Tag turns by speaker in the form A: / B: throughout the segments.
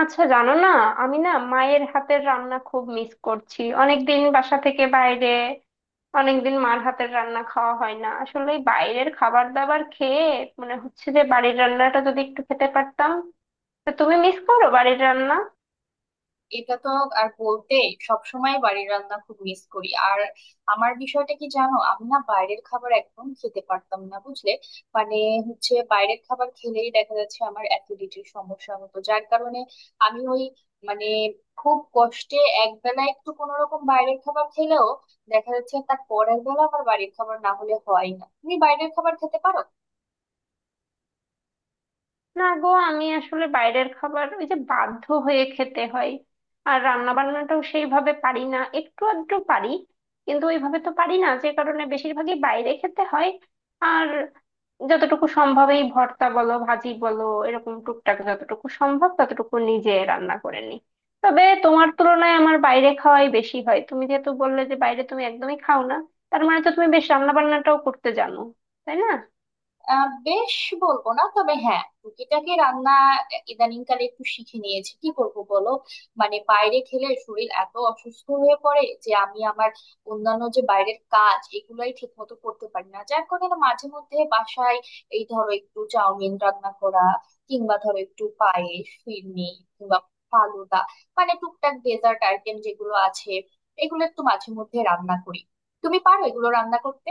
A: আচ্ছা জানো না, আমি না মায়ের হাতের রান্না খুব মিস করছি। অনেকদিন বাসা থেকে বাইরে, অনেকদিন মার হাতের রান্না খাওয়া হয় না। আসলে এই বাইরের খাবার দাবার খেয়ে মনে হচ্ছে যে বাড়ির রান্নাটা যদি একটু খেতে পারতাম। তা তুমি মিস করো বাড়ির রান্না?
B: এটা তো আর বলতে সবসময় বাড়ির রান্না খুব মিস করি। আর আমার বিষয়টা কি জানো, আমি না বাইরের খাবার একদম খেতে পারতাম না, বুঝলে? মানে বাইরের খাবার খেলেই দেখা যাচ্ছে আমার অ্যাসিডিটির সমস্যা হতো, যার কারণে আমি ওই, মানে, খুব কষ্টে একবেলা একটু কোনো রকম বাইরের খাবার খেলেও দেখা যাচ্ছে তার পরের বেলা আমার বাড়ির খাবার না হলে হয় না। তুমি বাইরের খাবার খেতে পারো?
A: না গো, আমি আসলে বাইরের খাবার ওই যে বাধ্য হয়ে খেতে হয়। আর রান্না বান্নাটাও সেইভাবে পারি না, একটু আধটু পারি, কিন্তু ওইভাবে তো পারি না, যে কারণে বেশিরভাগই বাইরে খেতে হয়। আর যতটুকু সম্ভব এই ভর্তা বলো, ভাজি বলো, এরকম টুকটাক যতটুকু সম্ভব ততটুকু নিজে রান্না করে নিই। তবে তোমার তুলনায় আমার বাইরে খাওয়াই বেশি হয়। তুমি যেহেতু বললে যে বাইরে তুমি একদমই খাও না, তার মানে তো তুমি বেশ রান্না বান্নাটাও করতে জানো, তাই না?
B: বেশ বলবো না, তবে হ্যাঁ, টুকিটাকি রান্না ইদানিংকালে একটু শিখে নিয়েছি। কি করব বলো, মানে বাইরে খেলে শরীর এত অসুস্থ হয়ে পড়ে যে আমি আমার অন্যান্য যে বাইরের কাজ এগুলাই ঠিক মতো করতে পারি না, যার কারণে মাঝে মধ্যে বাসায় এই ধরো একটু চাউমিন রান্না করা, কিংবা ধরো একটু পায়েস ফিরনি, কিংবা ফালুদা, মানে টুকটাক ডেজার্ট আইটেম যেগুলো আছে এগুলো একটু মাঝে মধ্যে রান্না করি। তুমি পারো এগুলো রান্না করতে?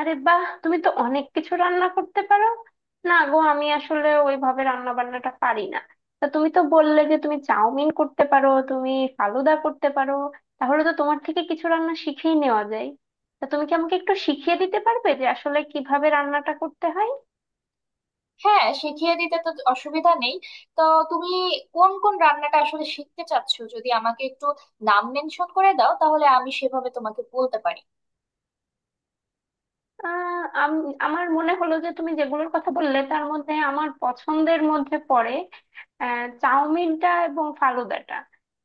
A: আরে বাহ, তুমি তো অনেক কিছু রান্না করতে পারো! না গো, আমি আসলে ওইভাবে রান্না বান্নাটা পারি না। তা তুমি তো বললে যে তুমি চাউমিন করতে পারো, তুমি ফালুদা করতে পারো, তাহলে তো তোমার থেকে কিছু রান্না শিখেই নেওয়া যায়। তা তুমি কি আমাকে একটু শিখিয়ে দিতে পারবে যে আসলে কিভাবে রান্নাটা করতে হয়?
B: হ্যাঁ, শিখিয়ে দিতে তো অসুবিধা নেই। তো তুমি কোন কোন রান্নাটা আসলে শিখতে চাচ্ছো, যদি আমাকে একটু নাম মেনশন করে দাও, তাহলে আমি সেভাবে তোমাকে বলতে পারি।
A: আমার মনে হলো যে তুমি যেগুলোর কথা বললে তার মধ্যে আমার পছন্দের মধ্যে পড়ে চাউমিনটা এবং ফালুদাটা।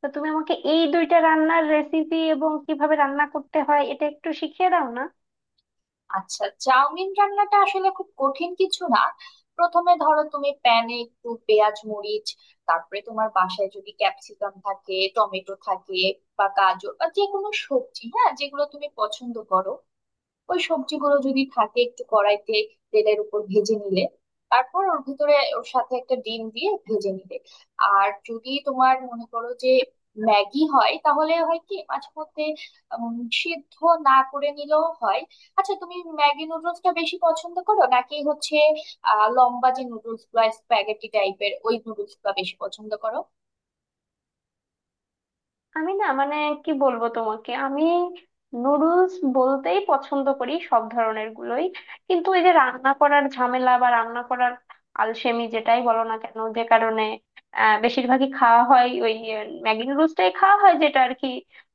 A: তো তুমি আমাকে এই দুইটা রান্নার রেসিপি এবং কিভাবে রান্না করতে হয় এটা একটু শিখিয়ে দাও না।
B: আচ্ছা, চাউমিন রান্নাটা আসলে খুব কঠিন কিছু না। প্রথমে ধরো তুমি প্যানে একটু পেঁয়াজ মরিচ, তারপরে তোমার বাসায় যদি ক্যাপসিকাম থাকে, টমেটো থাকে, বা গাজর বা যে কোনো সবজি, হ্যাঁ, যেগুলো তুমি পছন্দ করো, ওই সবজিগুলো যদি থাকে একটু কড়াইতে তেলের উপর ভেজে নিলে, তারপর ওর সাথে একটা ডিম দিয়ে ভেজে নিলে, আর যদি তোমার মনে করো যে ম্যাগি হয়, তাহলে হয় কি মাঝে মধ্যে উম, সিদ্ধ না করে নিলেও হয়। আচ্ছা, তুমি ম্যাগি নুডলসটা বেশি পছন্দ করো, নাকি হচ্ছে লম্বা যে নুডলস বা স্প্যাগেটি টাইপের ওই নুডলস বেশি পছন্দ করো?
A: আমি না মানে, কি বলবো তোমাকে, আমি নুডলস বলতেই পছন্দ করি সব ধরনের গুলোই। কিন্তু এই যে রান্না করার ঝামেলা বা রান্না করার আলসেমি, যেটাই বলো না কেন, যে কারণে বেশিরভাগই খাওয়া হয় ওই ম্যাগি নুডলসটাই খাওয়া হয় যেটা আর কি।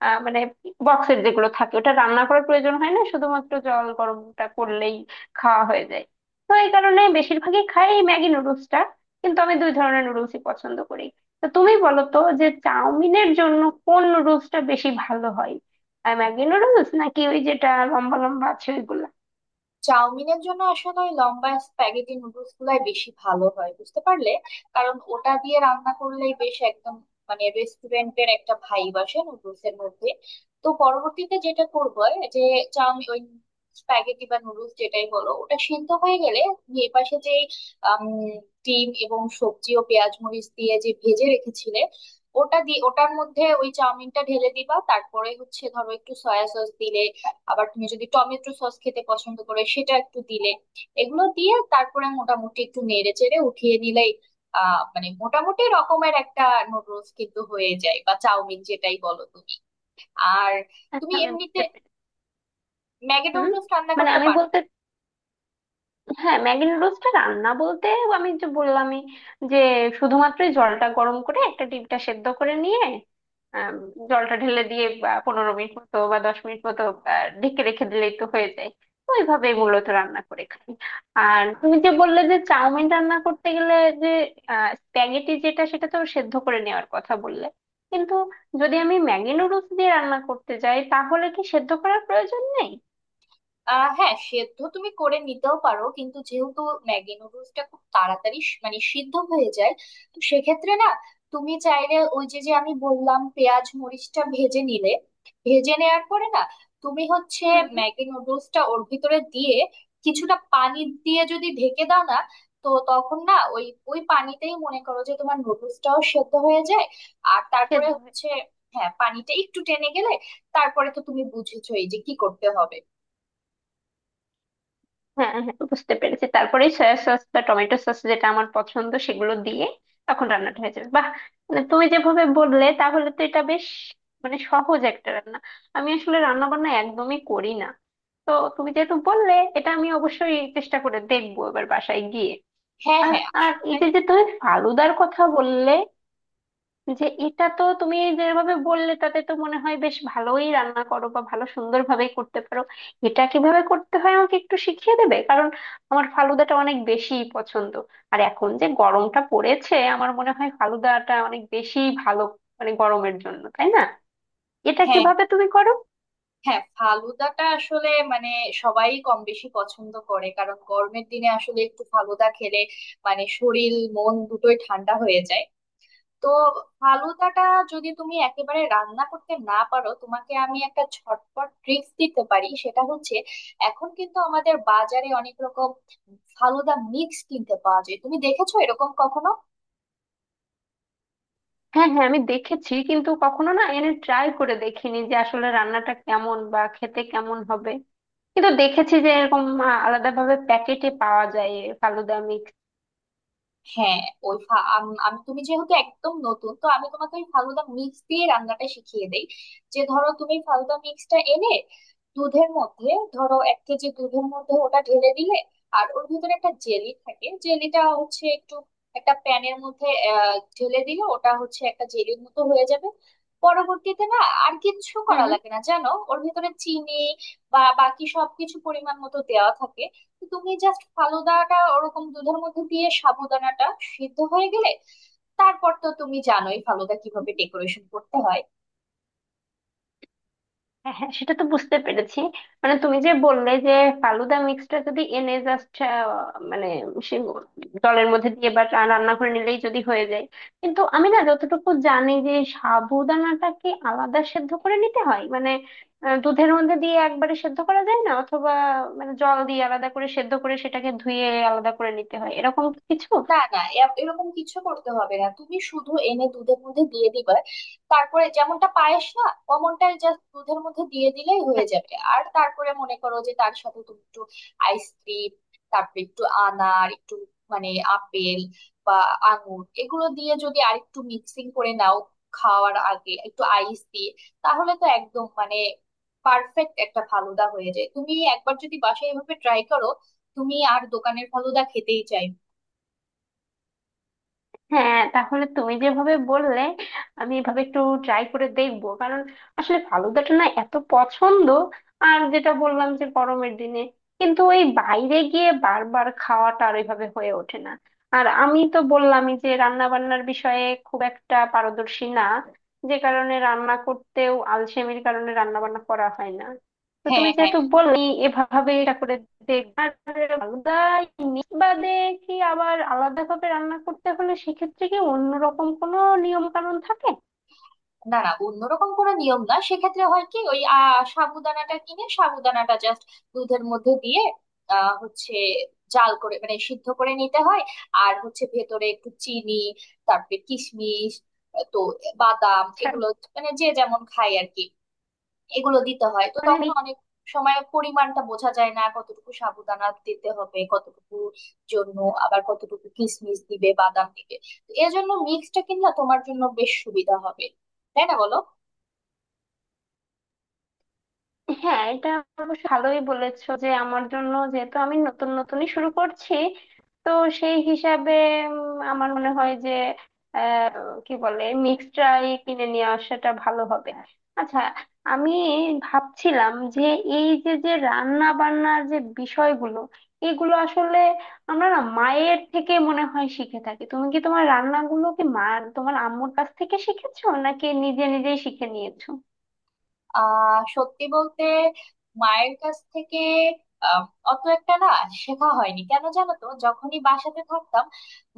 A: মানে বক্সের যেগুলো থাকে ওটা রান্না করার প্রয়োজন হয় না, শুধুমাত্র জল গরমটা করলেই খাওয়া হয়ে যায়। তো এই কারণে বেশিরভাগই খাই এই ম্যাগি নুডলসটা। কিন্তু আমি দুই ধরনের নুডলসই পছন্দ করি। তো তুমি বলো তো যে চাউমিনের জন্য কোন নুডলসটা বেশি ভালো হয়, আর ম্যাগি নুডলস নাকি ওই যেটা লম্বা লম্বা আছে ওইগুলা?
B: চাউমিনের জন্য আসলে ওই লম্বা স্প্যাগেটি নুডলস গুলাই বেশি ভালো হয়, বুঝতে পারলে। কারণ ওটা দিয়ে রান্না করলেই বেশ একদম মানে রেস্টুরেন্টের একটা ভাইব আসে নুডলস এর মধ্যে। তো পরবর্তীতে যেটা করবো যে, চাউমিন ওই স্প্যাগেটি বা নুডলস যেটাই হলো, ওটা সিদ্ধ হয়ে গেলে এর পাশে যে আম, ডিম এবং সবজি ও পেঁয়াজ মরিচ দিয়ে যে ভেজে রেখেছিলে, ওটার মধ্যে ওই চাউমিনটা ঢেলে দিবা। তারপরে হচ্ছে ধরো একটু সয়া সস দিলে, আবার তুমি যদি টমেটো সস খেতে পছন্দ করো সেটা একটু দিলে, এগুলো দিয়ে তারপরে মোটামুটি একটু নেড়ে চেড়ে উঠিয়ে নিলেই আহ, মানে মোটামুটি রকমের একটা নুডলস কিন্তু হয়ে যায়, বা চাউমিন যেটাই বলো তুমি। আর তুমি
A: আচ্ছা, আমি
B: এমনিতে
A: বুঝতে পেরেছি।
B: ম্যাগি
A: হুম।
B: নুডলস রান্না
A: মানে
B: করতে
A: আমি
B: পারো?
A: বলতে, হ্যাঁ, ম্যাগি নুডলসটা রান্না বলতে আমি যে বললামই যে শুধুমাত্র জলটা গরম করে একটা ডিমটা সেদ্ধ করে নিয়ে, আম, জলটা ঢেলে দিয়ে বা 15 মিনিট মতো বা 10 মিনিট মতো ঢেকে রেখে দিলেই তো হয়ে যায়। ওইভাবে মূলত রান্না করে খাই। আর তুমি যে বললে যে চাউমিন রান্না করতে গেলে যে স্প্যাগেটি যেটা, সেটা তো সেদ্ধ করে নেওয়ার কথা বললে, কিন্তু যদি আমি ম্যাগি নুডলস দিয়ে রান্না করতে যাই তাহলে কি সেদ্ধ করার প্রয়োজন নেই?
B: আহ, হ্যাঁ, সেদ্ধ তুমি করে নিতেও পারো, কিন্তু যেহেতু ম্যাগি নুডলসটা খুব তাড়াতাড়ি মানে সিদ্ধ হয়ে যায়, তো সেক্ষেত্রে না, তুমি চাইলে ওই যে যে আমি বললাম পেঁয়াজ মরিচটা ভেজে নিলে, ভেজে নেওয়ার পরে না তুমি হচ্ছে
A: হুম।
B: ম্যাগি নুডলসটা ওর ভিতরে দিয়ে কিছুটা পানি দিয়ে যদি ঢেকে দাও না, তো তখন না ওই ওই পানিতেই মনে করো যে তোমার নুডলসটাও সেদ্ধ হয়ে যায়। আর তারপরে
A: সেদ্ধ হয়ে।
B: হচ্ছে, হ্যাঁ, পানিটা একটু টেনে গেলে তারপরে তো তুমি বুঝেছোই যে কি করতে হবে।
A: হ্যাঁ হ্যাঁ, বুঝতে পেরেছি। তারপরে সয়া সস বা টমেটো সস যেটা আমার পছন্দ সেগুলো দিয়ে তখন রান্নাটা হয়ে যাবে। বাহ, মানে তুমি যেভাবে বললে তাহলে তো এটা বেশ মানে সহজ একটা রান্না। আমি আসলে রান্না বান্না একদমই করি না। তো তুমি যেহেতু বললে এটা আমি অবশ্যই চেষ্টা করে দেখবো এবার বাসায় গিয়ে।
B: হ্যাঁ
A: আর,
B: হ্যাঁ
A: আর এই
B: আসলে।
A: যে যে তুমি ফালুদার কথা বললে, যে এটা তো তুমি যেভাবে বললে তাতে তো মনে হয় বেশ ভালোই রান্না করো বা ভালো সুন্দরভাবেই করতে পারো। এটা কিভাবে করতে হয় আমাকে একটু শিখিয়ে দেবে? কারণ আমার ফালুদাটা অনেক বেশি পছন্দ। আর এখন যে গরমটা পড়েছে আমার মনে হয় ফালুদাটা অনেক বেশি ভালো, মানে গরমের জন্য, তাই না? এটা
B: হ্যাঁ
A: কিভাবে তুমি করো?
B: হ্যাঁ ফালুদাটা আসলে মানে সবাই কম বেশি পছন্দ করে, কারণ গরমের দিনে আসলে একটু ফালুদা খেলে মানে শরীর মন দুটোই ঠান্ডা হয়ে যায়। তো ফালুদাটা যদি তুমি একেবারে রান্না করতে না পারো, তোমাকে আমি একটা ঝটপট ট্রিক্স দিতে পারি। সেটা হচ্ছে, এখন কিন্তু আমাদের বাজারে অনেক রকম ফালুদা মিক্স কিনতে পাওয়া যায়। তুমি দেখেছো এরকম কখনো?
A: হ্যাঁ হ্যাঁ, আমি দেখেছি, কিন্তু কখনো না এনে ট্রাই করে দেখিনি যে আসলে রান্নাটা কেমন বা খেতে কেমন হবে। কিন্তু দেখেছি যে এরকম আলাদাভাবে প্যাকেটে পাওয়া যায় এ ফালুদা মিক্স।
B: হ্যাঁ, ওই আমি, তুমি যেহেতু একদম নতুন, তো আমি তোমাকে ওই ফালুদা মিক্স দিয়ে রান্নাটা শিখিয়ে দেই। যে ধরো তুমি ফালুদা মিক্সটা এনে দুধের মধ্যে, ধরো 1 কেজি দুধের মধ্যে ওটা ঢেলে দিলে, আর ওর ভিতরে একটা জেলি থাকে, জেলিটা হচ্ছে একটু একটা প্যানের মধ্যে ঢেলে দিলে ওটা হচ্ছে একটা জেলির মতো হয়ে যাবে। পরবর্তীতে না আর কিচ্ছু করা লাগে না, জানো। ওর ভিতরে চিনি বা বাকি সবকিছু পরিমাণ মতো দেওয়া থাকে। তুমি জাস্ট ফালুদাটা ওরকম দুধের মধ্যে দিয়ে সাবুদানাটা সিদ্ধ হয়ে গেলে তারপর তো তুমি জানোই ফালুদা কিভাবে ডেকোরেশন করতে হয়।
A: হ্যাঁ হ্যাঁ, সেটা তো বুঝতে পেরেছি। মানে তুমি যে বললে যে ফালুদা মিক্সটা যদি এনে জাস্ট মানে সে জলের মধ্যে দিয়ে বা রান্না করে নিলেই যদি হয়ে যায়। কিন্তু আমি না যতটুকু জানি যে সাবুদানাটাকে আলাদা সেদ্ধ করে নিতে হয়, মানে দুধের মধ্যে দিয়ে একবারে সেদ্ধ করা যায় না, অথবা মানে জল দিয়ে আলাদা করে সেদ্ধ করে সেটাকে ধুয়ে আলাদা করে নিতে হয় এরকম কিছু,
B: না
A: হ্যাঁ।
B: না এরকম কিছু করতে হবে না, তুমি শুধু এনে দুধের মধ্যে দিয়ে দিবা। তারপরে যেমনটা পায়েস না, অমনটাই জাস্ট দুধের মধ্যে দিয়ে দিলেই হয়ে যাবে। আর তারপরে মনে করো যে তার সাথে তুমি একটু আইসক্রিম, তারপরে একটু আনার, একটু মানে আপেল বা আঙুর, এগুলো দিয়ে যদি আর একটু মিক্সিং করে নাও, খাওয়ার আগে একটু আইস দিয়ে, তাহলে তো একদম মানে পারফেক্ট একটা ফালুদা হয়ে যায়। তুমি একবার যদি বাসায় এভাবে ট্রাই করো, তুমি আর দোকানের ফালুদা খেতেই চাই।
A: হ্যাঁ, তাহলে তুমি যেভাবে বললে আমি এভাবে একটু ট্রাই করে দেখবো, কারণ আসলে ফালুদাটা না এত পছন্দ। আর যেটা বললাম যে গরমের দিনে, কিন্তু ওই বাইরে গিয়ে বারবার খাওয়াটা আর ওইভাবে হয়ে ওঠে না। আর আমি তো বললামই যে রান্না বান্নার বিষয়ে খুব একটা পারদর্শী না, যে কারণে রান্না করতেও আলসেমির কারণে রান্না বান্না করা হয় না। তো
B: হ্যাঁ
A: তুমি
B: হ্যাঁ।
A: যেহেতু বলনি এভাবে এটা করে দেখবে। আর আলাদা ইলিশ বাদে কি আবার আলাদা ভাবে রান্না করতে হলে সেক্ষেত্রে কি অন্যরকম কোনো নিয়ম কানুন থাকে?
B: না না, অন্যরকম কোনো নিয়ম না। সেক্ষেত্রে হয় কি, ওই আহ, সাবুদানাটা কিনে সাবুদানাটা জাস্ট দুধের মধ্যে দিয়ে আহ, হচ্ছে জাল করে মানে সিদ্ধ করে নিতে হয়। আর হচ্ছে ভেতরে একটু চিনি, তারপরে কিশমিশ, তো বাদাম,
A: আচ্ছা,
B: এগুলো মানে যে যেমন খায় আর কি, এগুলো দিতে হয়। তো
A: মানে
B: তখন অনেক সময় পরিমাণটা বোঝা যায় না, কতটুকু সাবুদানা দিতে হবে, কতটুকু জন্য, আবার কতটুকু কিশমিশ দিবে, বাদাম দিবে। তো এজন্য মিক্সটা কিনলে তোমার জন্য বেশ সুবিধা হবে, তাই না বলো?
A: হ্যাঁ, এটা অবশ্য ভালোই বলেছো যে আমার জন্য, যেহেতু আমি নতুন নতুনই শুরু করছি, তো সেই হিসাবে আমার মনে হয় যে আহ, কি বলে মিক্সটাই কিনে নিয়ে আসাটা ভালো হবে। আচ্ছা, আমি ভাবছিলাম যে এই যে যে রান্না বান্নার যে বিষয়গুলো এগুলো আসলে আমরা না মায়ের থেকে মনে হয় শিখে থাকি। তুমি কি তোমার রান্নাগুলো কি মা, তোমার আম্মুর কাছ থেকে শিখেছো নাকি নিজে নিজেই শিখে নিয়েছো?
B: আহ, সত্যি বলতে মায়ের কাছ থেকে আহ, অত একটা না শেখা হয়নি। কেন জানো? তো যখনই বাসাতে থাকতাম,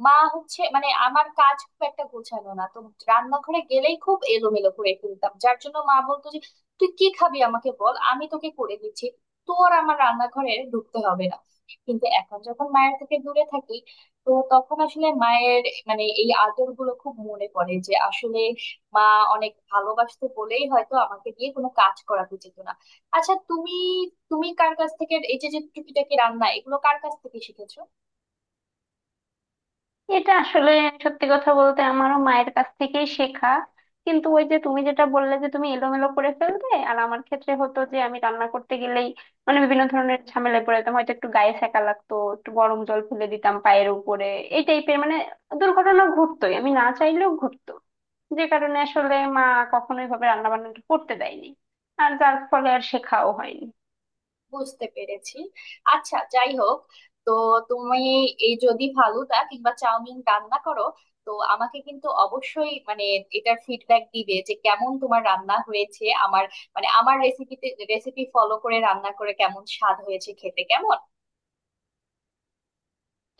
B: মা হচ্ছে মানে, আমার কাজ খুব একটা গোছানো না তো, রান্নাঘরে গেলেই খুব এলোমেলো করে ফেলতাম, যার জন্য মা বলতো যে, তুই কি খাবি আমাকে বল, আমি তোকে করে দিচ্ছি, তোর আমার রান্নাঘরে ঢুকতে হবে না। কিন্তু এখন যখন মায়ের থেকে দূরে থাকি, তো তখন আসলে মায়ের মানে এই আদর গুলো খুব মনে পড়ে, যে আসলে মা অনেক ভালোবাসতো বলেই হয়তো আমাকে দিয়ে কোনো কাজ করাতে যেত না। আচ্ছা তুমি, তুমি কার কাছ থেকে এই যে যে টুকিটাকি রান্না, এগুলো কার কাছ থেকে শিখেছো?
A: এটা আসলে সত্যি কথা বলতে আমারও মায়ের কাছ থেকেই শেখা। কিন্তু ওই যে তুমি যেটা বললে যে তুমি এলোমেলো করে ফেলতে, আর আমার ক্ষেত্রে হতো যে আমি রান্না করতে গেলেই মানে বিভিন্ন ধরনের ঝামেলায় পড়ে যেতাম। হয়তো একটু গায়ে সেকা লাগতো, একটু গরম জল ফেলে দিতাম পায়ের উপরে, এই টাইপের মানে দুর্ঘটনা ঘটতোই, আমি না চাইলেও ঘটতো। যে কারণে আসলে মা কখনোই ভাবে রান্না বান্নাটা করতে দেয়নি, আর যার ফলে আর শেখাও হয়নি।
B: বুঝতে পেরেছি। আচ্ছা, যাই হোক, তো তুমি এই যদি ফালুদা কিংবা চাউমিন রান্না করো, তো আমাকে কিন্তু অবশ্যই মানে এটার ফিডব্যাক দিবে, যে কেমন তোমার রান্না হয়েছে, আমার মানে আমার রেসিপিতে, রেসিপি ফলো করে রান্না করে কেমন স্বাদ হয়েছে, খেতে কেমন।